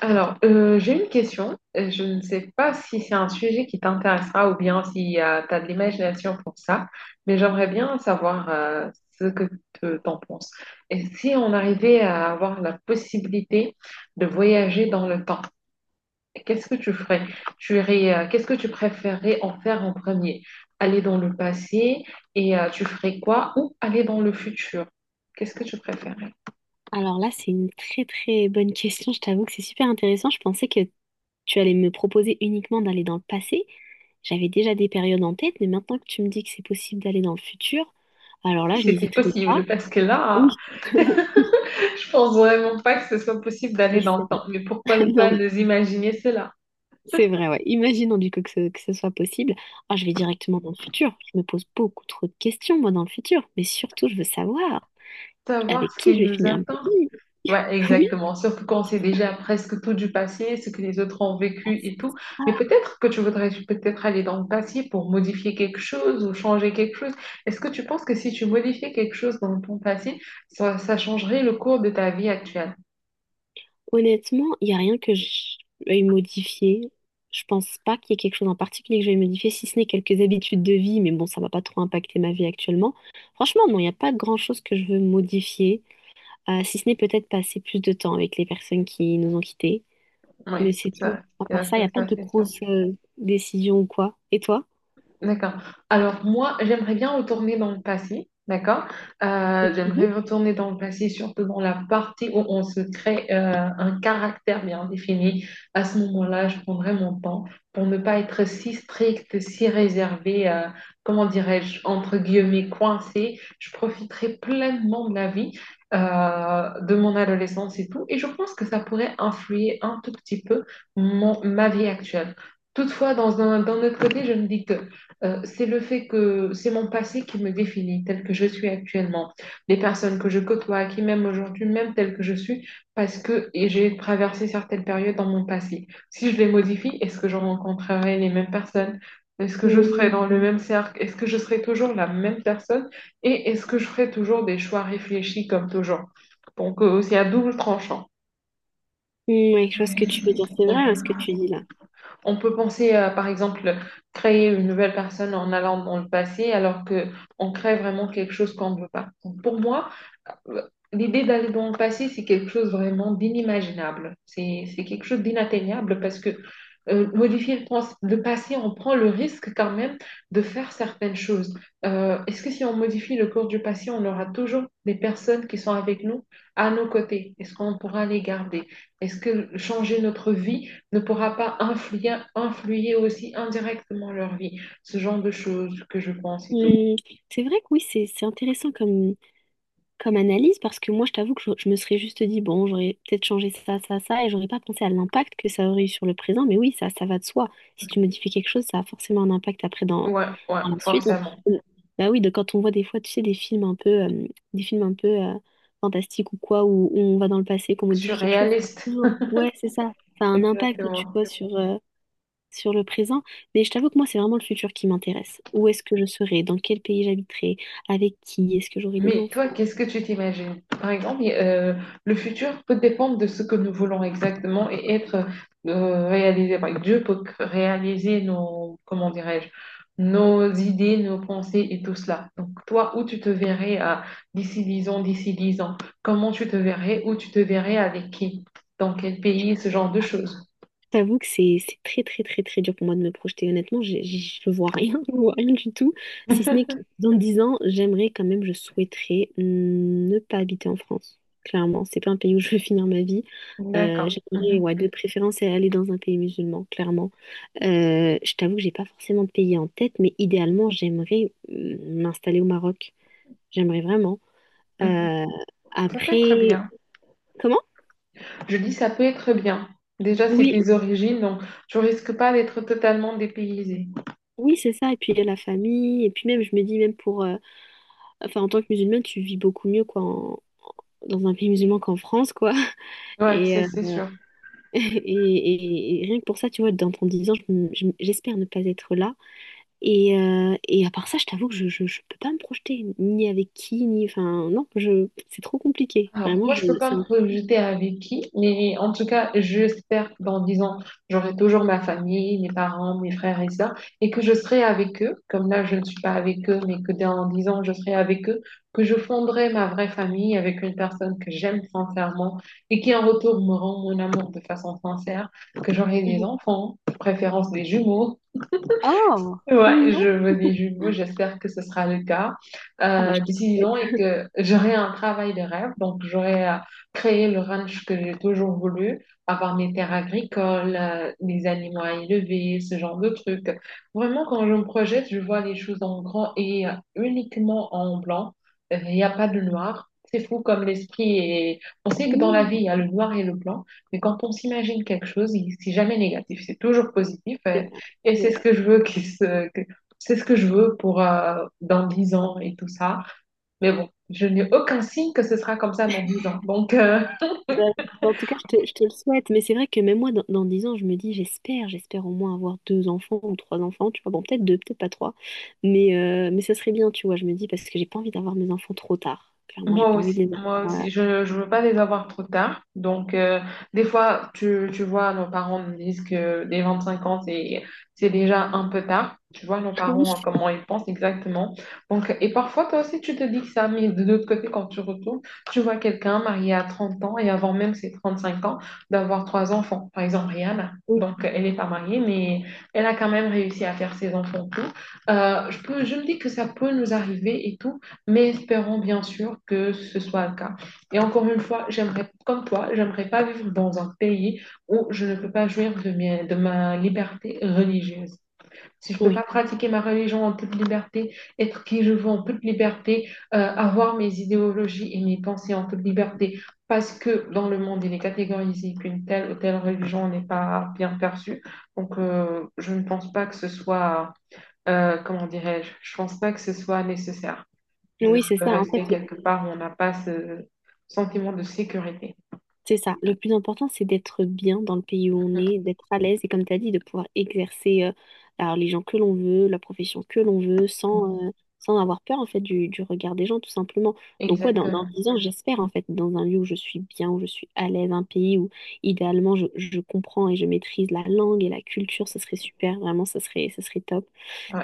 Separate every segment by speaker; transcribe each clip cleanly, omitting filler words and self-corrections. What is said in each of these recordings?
Speaker 1: Alors, j'ai une question. Je ne sais pas si c'est un sujet qui t'intéressera ou bien si tu as de l'imagination pour ça, mais j'aimerais bien savoir ce que tu t'en penses. Et si on arrivait à avoir la possibilité de voyager dans le temps, qu'est-ce que tu ferais? Tu irais, qu'est-ce que tu préférerais en faire en premier? Aller dans le passé et tu ferais quoi? Ou aller dans le futur? Qu'est-ce que tu préférerais?
Speaker 2: Alors là, c'est une très très bonne question. Je t'avoue que c'est super intéressant. Je pensais que tu allais me proposer uniquement d'aller dans le passé. J'avais déjà des périodes en tête, mais maintenant que tu me dis que c'est possible d'aller dans le futur, alors là,
Speaker 1: Si
Speaker 2: je
Speaker 1: c'était
Speaker 2: n'hésiterai
Speaker 1: possible,
Speaker 2: pas.
Speaker 1: parce que là,
Speaker 2: Oui,
Speaker 1: je pense vraiment pas que ce soit possible d'aller
Speaker 2: oui,
Speaker 1: dans le
Speaker 2: c'est vrai.
Speaker 1: temps, mais pourquoi ne
Speaker 2: Non,
Speaker 1: pas
Speaker 2: mais
Speaker 1: nous imaginer cela?
Speaker 2: c'est vrai, ouais. Imaginons du coup que ce soit possible. Ah, je vais directement dans le futur. Je me pose beaucoup trop de questions, moi, dans le futur. Mais surtout, je veux savoir
Speaker 1: Savoir
Speaker 2: avec
Speaker 1: ce
Speaker 2: qui
Speaker 1: qui
Speaker 2: je vais
Speaker 1: nous
Speaker 2: finir ma
Speaker 1: attend.
Speaker 2: vie.
Speaker 1: Ouais,
Speaker 2: Oui,
Speaker 1: exactement. Surtout quand on sait déjà presque tout du passé, ce que les autres ont
Speaker 2: ah,
Speaker 1: vécu et
Speaker 2: c'est
Speaker 1: tout.
Speaker 2: ça.
Speaker 1: Mais peut-être que tu voudrais peut-être aller dans le passé pour modifier quelque chose ou changer quelque chose. Est-ce que tu penses que si tu modifiais quelque chose dans ton passé, ça changerait le cours de ta vie actuelle?
Speaker 2: Honnêtement, il n'y a rien que je veuille modifier. Je pense pas qu'il y ait quelque chose en particulier que je veuille modifier, si ce n'est quelques habitudes de vie, mais bon, ça va pas trop impacter ma vie actuellement. Franchement, non, il n'y a pas grand-chose que je veux modifier, si ce n'est peut-être passer plus de temps avec les personnes qui nous ont quittés. Mais
Speaker 1: Oui,
Speaker 2: c'est tout.
Speaker 1: ça,
Speaker 2: À part
Speaker 1: ça,
Speaker 2: ça, il n'y
Speaker 1: ça,
Speaker 2: a pas
Speaker 1: ça,
Speaker 2: de
Speaker 1: c'est sûr.
Speaker 2: grosses décisions ou quoi. Et toi?
Speaker 1: D'accord. Alors moi, j'aimerais bien retourner dans le passé, d'accord?
Speaker 2: Mhm.
Speaker 1: J'aimerais retourner dans le passé, surtout dans la partie où on se crée un caractère bien défini. À ce moment-là, je prendrais mon temps pour ne pas être si stricte, si réservée, comment dirais-je, entre guillemets, coincée. Je profiterai pleinement de la vie, de mon adolescence et tout. Et je pense que ça pourrait influer un tout petit peu mon, ma vie actuelle. Toutefois, dans un, d'un autre côté, je me dis que c'est le fait que c'est mon passé qui me définit tel que je suis actuellement. Les personnes que je côtoie, qui m'aiment aujourd'hui, même tel que je suis, parce que et j'ai traversé certaines périodes dans mon passé. Si je les modifie, est-ce que je rencontrerai les mêmes personnes? Est-ce que je serai
Speaker 2: Mm,
Speaker 1: dans le même cercle? Est-ce que je serai toujours la même personne? Et est-ce que je ferai toujours des choix réfléchis comme toujours? Donc, c'est à double tranchant.
Speaker 2: mm, ouais, je vois ce que tu veux dire. C'est vrai,
Speaker 1: On peut
Speaker 2: hein, ce que tu dis là.
Speaker 1: On peut penser à, par exemple, créer une nouvelle personne en allant dans le passé, alors que on crée vraiment quelque chose qu'on ne veut pas. Donc, pour moi, euh, l'idée d'aller dans le passé, c'est quelque chose vraiment d'inimaginable. C'est quelque chose d'inatteignable parce que modifier le passé, on prend le risque quand même de faire certaines choses. Est-ce que si on modifie le cours du passé, on aura toujours des personnes qui sont avec nous à nos côtés? Est-ce qu'on pourra les garder? Est-ce que changer notre vie ne pourra pas influer aussi indirectement leur vie. Ce genre de choses que je pense et tout.
Speaker 2: Mm, c'est vrai que oui, c'est intéressant comme analyse parce que moi, je t'avoue que je me serais juste dit, bon, j'aurais peut-être changé ça, ça, ça, et j'aurais pas pensé à l'impact que ça aurait eu sur le présent, mais oui, ça va de soi. Si tu modifies quelque chose, ça a forcément un impact après dans,
Speaker 1: Ouais, ouais,
Speaker 2: dans la suite.
Speaker 1: forcément.
Speaker 2: On- Bah oui, quand on voit des fois, tu sais, des films un peu fantastiques ou quoi, où on va dans le passé, qu'on modifie quelque chose, ça a
Speaker 1: Surréaliste.
Speaker 2: toujours. Ouais, c'est ça. Ça a un impact, tu
Speaker 1: Exactement.
Speaker 2: vois, sur le présent. Mais je t'avoue que moi, c'est vraiment le futur qui m'intéresse. Où est-ce que je serai? Dans quel pays j'habiterai? Avec qui? Est-ce que j'aurai des
Speaker 1: Mais toi,
Speaker 2: enfants?
Speaker 1: qu'est-ce que tu t'imagines? Par exemple, le futur peut dépendre de ce que nous voulons exactement et être réalisé. Par exemple, Dieu peut réaliser nos, comment dirais-je, nos idées, nos pensées et tout cela. Donc, toi, où tu te verrais à d'ici 10 ans, d'ici 10 ans? Comment tu te verrais? Où tu te verrais avec qui? Dans quel pays? Ce genre de choses.
Speaker 2: T'avoue que c'est très très très très dur pour moi de me projeter. Honnêtement, je vois rien, je vois rien du tout. Si ce n'est que dans 10 ans, j'aimerais quand même, je souhaiterais ne pas habiter en France. Clairement, c'est pas un pays où je veux finir ma vie.
Speaker 1: D'accord.
Speaker 2: J'aimerais,
Speaker 1: Mhm,
Speaker 2: ouais, de préférence aller dans un pays musulman, clairement. Je t'avoue que j'ai pas forcément de pays en tête, mais idéalement, j'aimerais m'installer au Maroc. J'aimerais vraiment.
Speaker 1: mhm.
Speaker 2: Euh,
Speaker 1: Ça peut être
Speaker 2: Après,
Speaker 1: bien.
Speaker 2: comment?
Speaker 1: Je dis ça peut être bien. Déjà, c'est
Speaker 2: Oui,
Speaker 1: tes origines, donc tu risques pas d'être totalement dépaysé.
Speaker 2: oui, c'est ça. Et puis il y a la famille. Et puis même, je me dis même enfin, en tant que musulmane, tu vis beaucoup mieux quoi, dans un pays musulman qu'en France, quoi.
Speaker 1: Ouais,
Speaker 2: Et,
Speaker 1: c'est
Speaker 2: euh,
Speaker 1: c'est sûr.
Speaker 2: et, et rien que pour ça, tu vois, dans 10 ans, j'espère ne pas être là. Et à part ça, je t'avoue que je peux pas me projeter, ni avec qui, ni... Enfin, non, c'est trop compliqué.
Speaker 1: Alors,
Speaker 2: Vraiment,
Speaker 1: moi, je peux pas
Speaker 2: c'est
Speaker 1: me
Speaker 2: un-
Speaker 1: projeter avec qui, mais en tout cas, j'espère que dans 10 ans, j'aurai toujours ma famille, mes parents, mes frères et sœurs, et que je serai avec eux, comme là, je ne suis pas avec eux, mais que dans 10 ans, je serai avec eux, que je fonderai ma vraie famille avec une personne que j'aime sincèrement et qui, en retour, me rend mon amour de façon sincère, que j'aurai des
Speaker 2: Mhm.
Speaker 1: enfants, de préférence des jumeaux.
Speaker 2: Oh, trop
Speaker 1: Ouais, je
Speaker 2: mignon.
Speaker 1: me dis du mot, j'espère que ce sera le cas
Speaker 2: Ah bah, je te le
Speaker 1: d'ici 10 ans et
Speaker 2: souhaite.
Speaker 1: que j'aurai un travail de rêve. Donc, j'aurai créé le ranch que j'ai toujours voulu, avoir mes terres agricoles, mes animaux à élever, ce genre de trucs. Vraiment, quand je me projette, je vois les choses en grand et uniquement en blanc. Il n'y a pas de noir. C'est fou comme l'esprit est. On sait que dans la
Speaker 2: Mmh,
Speaker 1: vie, il y a le noir et le blanc, mais quand on s'imagine quelque chose, c'est jamais négatif, c'est toujours positif.
Speaker 2: c'est
Speaker 1: Euh,
Speaker 2: vrai,
Speaker 1: et
Speaker 2: c'est
Speaker 1: c'est ce
Speaker 2: vrai.
Speaker 1: que je veux. C'est ce que je veux pour dans 10 ans et tout ça. Mais bon, je n'ai aucun signe que ce sera comme ça dans 10 ans. Donc.
Speaker 2: Ouais. En tout cas, je te le souhaite. Mais c'est vrai que même moi, dans 10 ans, je me dis, j'espère au moins avoir deux enfants ou trois enfants, tu vois. Bon, peut-être deux, peut-être pas trois. Mais ça serait bien, tu vois, je me dis, parce que j'ai pas envie d'avoir mes enfants trop tard. Clairement, j'ai
Speaker 1: Moi
Speaker 2: pas envie de
Speaker 1: aussi,
Speaker 2: les
Speaker 1: moi
Speaker 2: avoir.
Speaker 1: aussi. Je ne veux pas les avoir trop tard. Donc, des fois, tu vois, nos parents nous disent que dès 25 ans, c'est déjà un peu tard. Tu vois, nos parents, comment ils pensent exactement. Donc, et parfois, toi aussi, tu te dis que ça, mais de l'autre côté, quand tu retournes, tu vois quelqu'un marié à 30 ans et avant même ses 35 ans, d'avoir trois enfants. Par exemple, Rihanna.
Speaker 2: Oui,
Speaker 1: Donc, elle n'est pas mariée, mais elle a quand même réussi à faire ses enfants tout. Je me dis que ça peut nous arriver et tout. Mais espérons bien sûr que ce soit le cas. Et encore une fois, j'aimerais, comme toi, j'aimerais pas vivre dans un pays où je ne peux pas jouir de ma liberté religieuse. Si je peux
Speaker 2: oui,
Speaker 1: pas pratiquer ma religion en toute liberté, être qui je veux en toute liberté, avoir mes idéologies et mes pensées en toute liberté, parce que dans le monde, il est catégorisé qu'une telle ou telle religion n'est pas bien perçue. Donc, je ne pense pas que ce soit, comment dirais-je, je pense pas que ce soit nécessaire de,
Speaker 2: oui, c'est
Speaker 1: de
Speaker 2: ça. En fait,
Speaker 1: rester quelque part où on n'a pas ce sentiment de sécurité.
Speaker 2: c'est ça. Le plus important, c'est d'être bien dans le pays où on est, d'être à l'aise et, comme tu as dit, de pouvoir exercer la religion que l'on veut, la profession que l'on veut,
Speaker 1: Mhm.
Speaker 2: sans avoir peur en fait du regard des gens, tout simplement. Donc, ouais, dans
Speaker 1: Exactement.
Speaker 2: 10 ans, j'espère en fait, dans un lieu où je suis bien, où je suis à l'aise, un pays où idéalement je comprends et je maîtrise la langue et la culture, ce serait super, vraiment, ça serait top.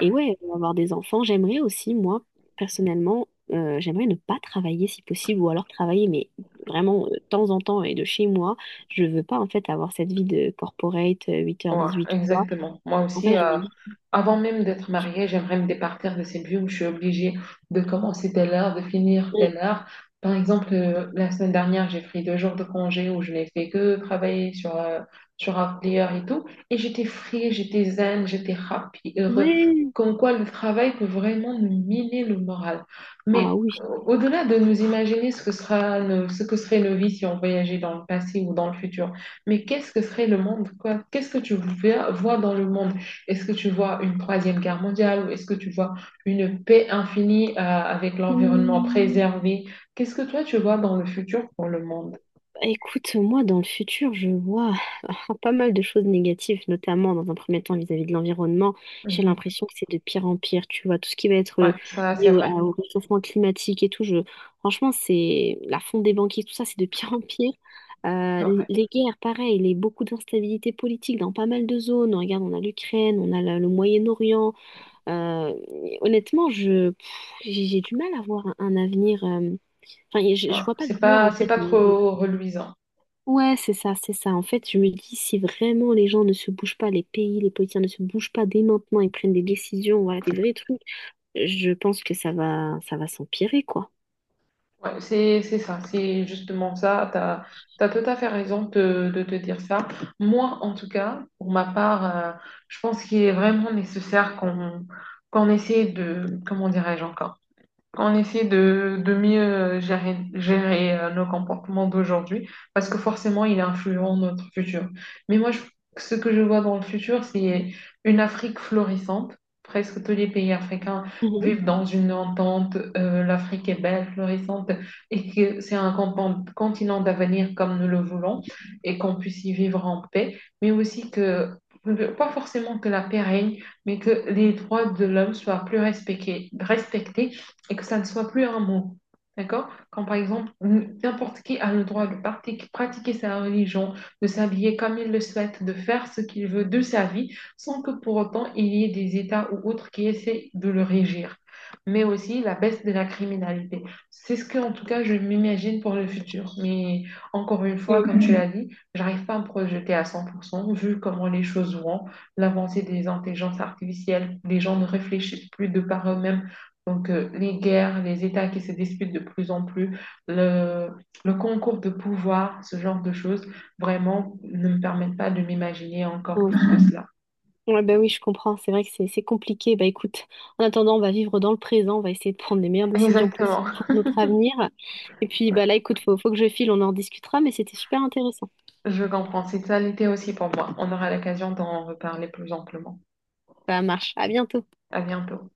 Speaker 2: Et ouais, avoir des enfants, j'aimerais aussi, moi, personnellement, j'aimerais ne pas travailler si possible, ou alors travailler, mais vraiment de temps en temps et de chez moi. Je veux pas, en fait, avoir cette vie de corporate,
Speaker 1: Ouais,
Speaker 2: 8h-18h, quoi.
Speaker 1: exactement. Moi
Speaker 2: En
Speaker 1: aussi,
Speaker 2: fait, je me dis,
Speaker 1: avant même d'être mariée, j'aimerais me départir de cette vie où je suis obligée de commencer telle heure, de finir
Speaker 2: euh,
Speaker 1: telle heure. Par exemple, la semaine dernière, j'ai pris 2 jours de congé où je n'ai fait que travailler sur un player et tout. Et j'étais free, j'étais zen, j'étais happy, heureux.
Speaker 2: ouais,
Speaker 1: Comme quoi, le travail peut vraiment nous miner le moral.
Speaker 2: ah
Speaker 1: Mais
Speaker 2: oui.
Speaker 1: au-delà de nous imaginer ce que serait nos vies si on voyageait dans le passé ou dans le futur, mais qu'est-ce que serait le monde, quoi? Qu'est-ce que tu vois dans le monde? Est-ce que tu vois une troisième guerre mondiale ou est-ce que tu vois une paix infinie, avec l'environnement préservé? Qu'est-ce que toi tu vois dans le futur pour le monde?
Speaker 2: Écoute, moi, dans le futur, je vois pas mal de choses négatives, notamment dans un premier temps vis-à-vis de l'environnement. J'ai
Speaker 1: Mhm.
Speaker 2: l'impression que c'est de pire en pire, tu vois, tout ce qui va être
Speaker 1: Ouais, ça
Speaker 2: lié
Speaker 1: c'est
Speaker 2: au, à-
Speaker 1: vrai,
Speaker 2: au réchauffement climatique et tout. Je... Franchement, c'est la fonte des banquiers, tout ça, c'est de pire en pire. Euh,
Speaker 1: c'est
Speaker 2: l-
Speaker 1: vrai.
Speaker 2: les guerres, pareil, les beaucoup d'instabilité politique dans pas mal de zones. Regarde, on a l'Ukraine, on a le Moyen-Orient. Euh, Honnêtement, j'ai du mal à voir un avenir. Enfin, je
Speaker 1: Voilà.
Speaker 2: vois pas de
Speaker 1: C'est
Speaker 2: lueur
Speaker 1: pas,
Speaker 2: en
Speaker 1: c'est
Speaker 2: fait.
Speaker 1: pas trop reluisant.
Speaker 2: Ouais, c'est ça, c'est ça. En fait, je me dis, si vraiment les gens ne se bougent pas, les pays, les politiciens ne se bougent pas dès maintenant et prennent des décisions, voilà, des vrais trucs, je pense que ça va s'empirer, quoi.
Speaker 1: Ouais, c'est ça, c'est justement ça. Tu as, tout à fait raison de te dire ça. Moi, en tout cas, pour ma part, je pense qu'il est vraiment nécessaire qu'on essaie de, comment dirais-je encore, on essaie de mieux gérer, nos comportements d'aujourd'hui parce que forcément, il influe notre futur. Mais moi, ce que je vois dans le futur, c'est une Afrique florissante. Presque tous les pays africains
Speaker 2: Mhm.
Speaker 1: vivent dans une entente. L'Afrique est belle, florissante et que c'est un continent d'avenir comme nous le voulons et qu'on puisse y vivre en paix, mais aussi que, pas forcément que la paix règne, mais que les droits de l'homme soient plus respectés et que ça ne soit plus un mot. D'accord? Quand par exemple, n'importe qui a le droit de pratiquer sa religion, de s'habiller comme il le souhaite, de faire ce qu'il veut de sa vie, sans que pour autant il y ait des États ou autres qui essaient de le régir. Mais aussi la baisse de la criminalité. C'est ce que, en tout cas, je m'imagine pour le futur. Mais encore une fois,
Speaker 2: Oui.
Speaker 1: comme tu l'as dit, j'arrive pas à me projeter à 100%, vu comment les choses vont, l'avancée des intelligences artificielles, les gens ne réfléchissent plus de par eux-mêmes donc, les guerres, les États qui se disputent de plus en plus, le, le concours de pouvoir, ce genre de choses, vraiment ne me permettent pas de m'imaginer encore
Speaker 2: Ouais.
Speaker 1: plus que cela.
Speaker 2: Ouais, bah oui, je comprends. C'est vrai que c'est compliqué. Bah écoute, en attendant, on va vivre dans le présent. On va essayer de prendre les meilleures décisions possibles
Speaker 1: Exactement.
Speaker 2: pour notre avenir. Et puis,
Speaker 1: Ouais,
Speaker 2: bah là, écoute, faut que je file. On en discutera, mais c'était super intéressant.
Speaker 1: je comprends. C'est ça l'été aussi pour moi. On aura l'occasion d'en reparler plus amplement.
Speaker 2: Ça marche. À bientôt.
Speaker 1: À bientôt.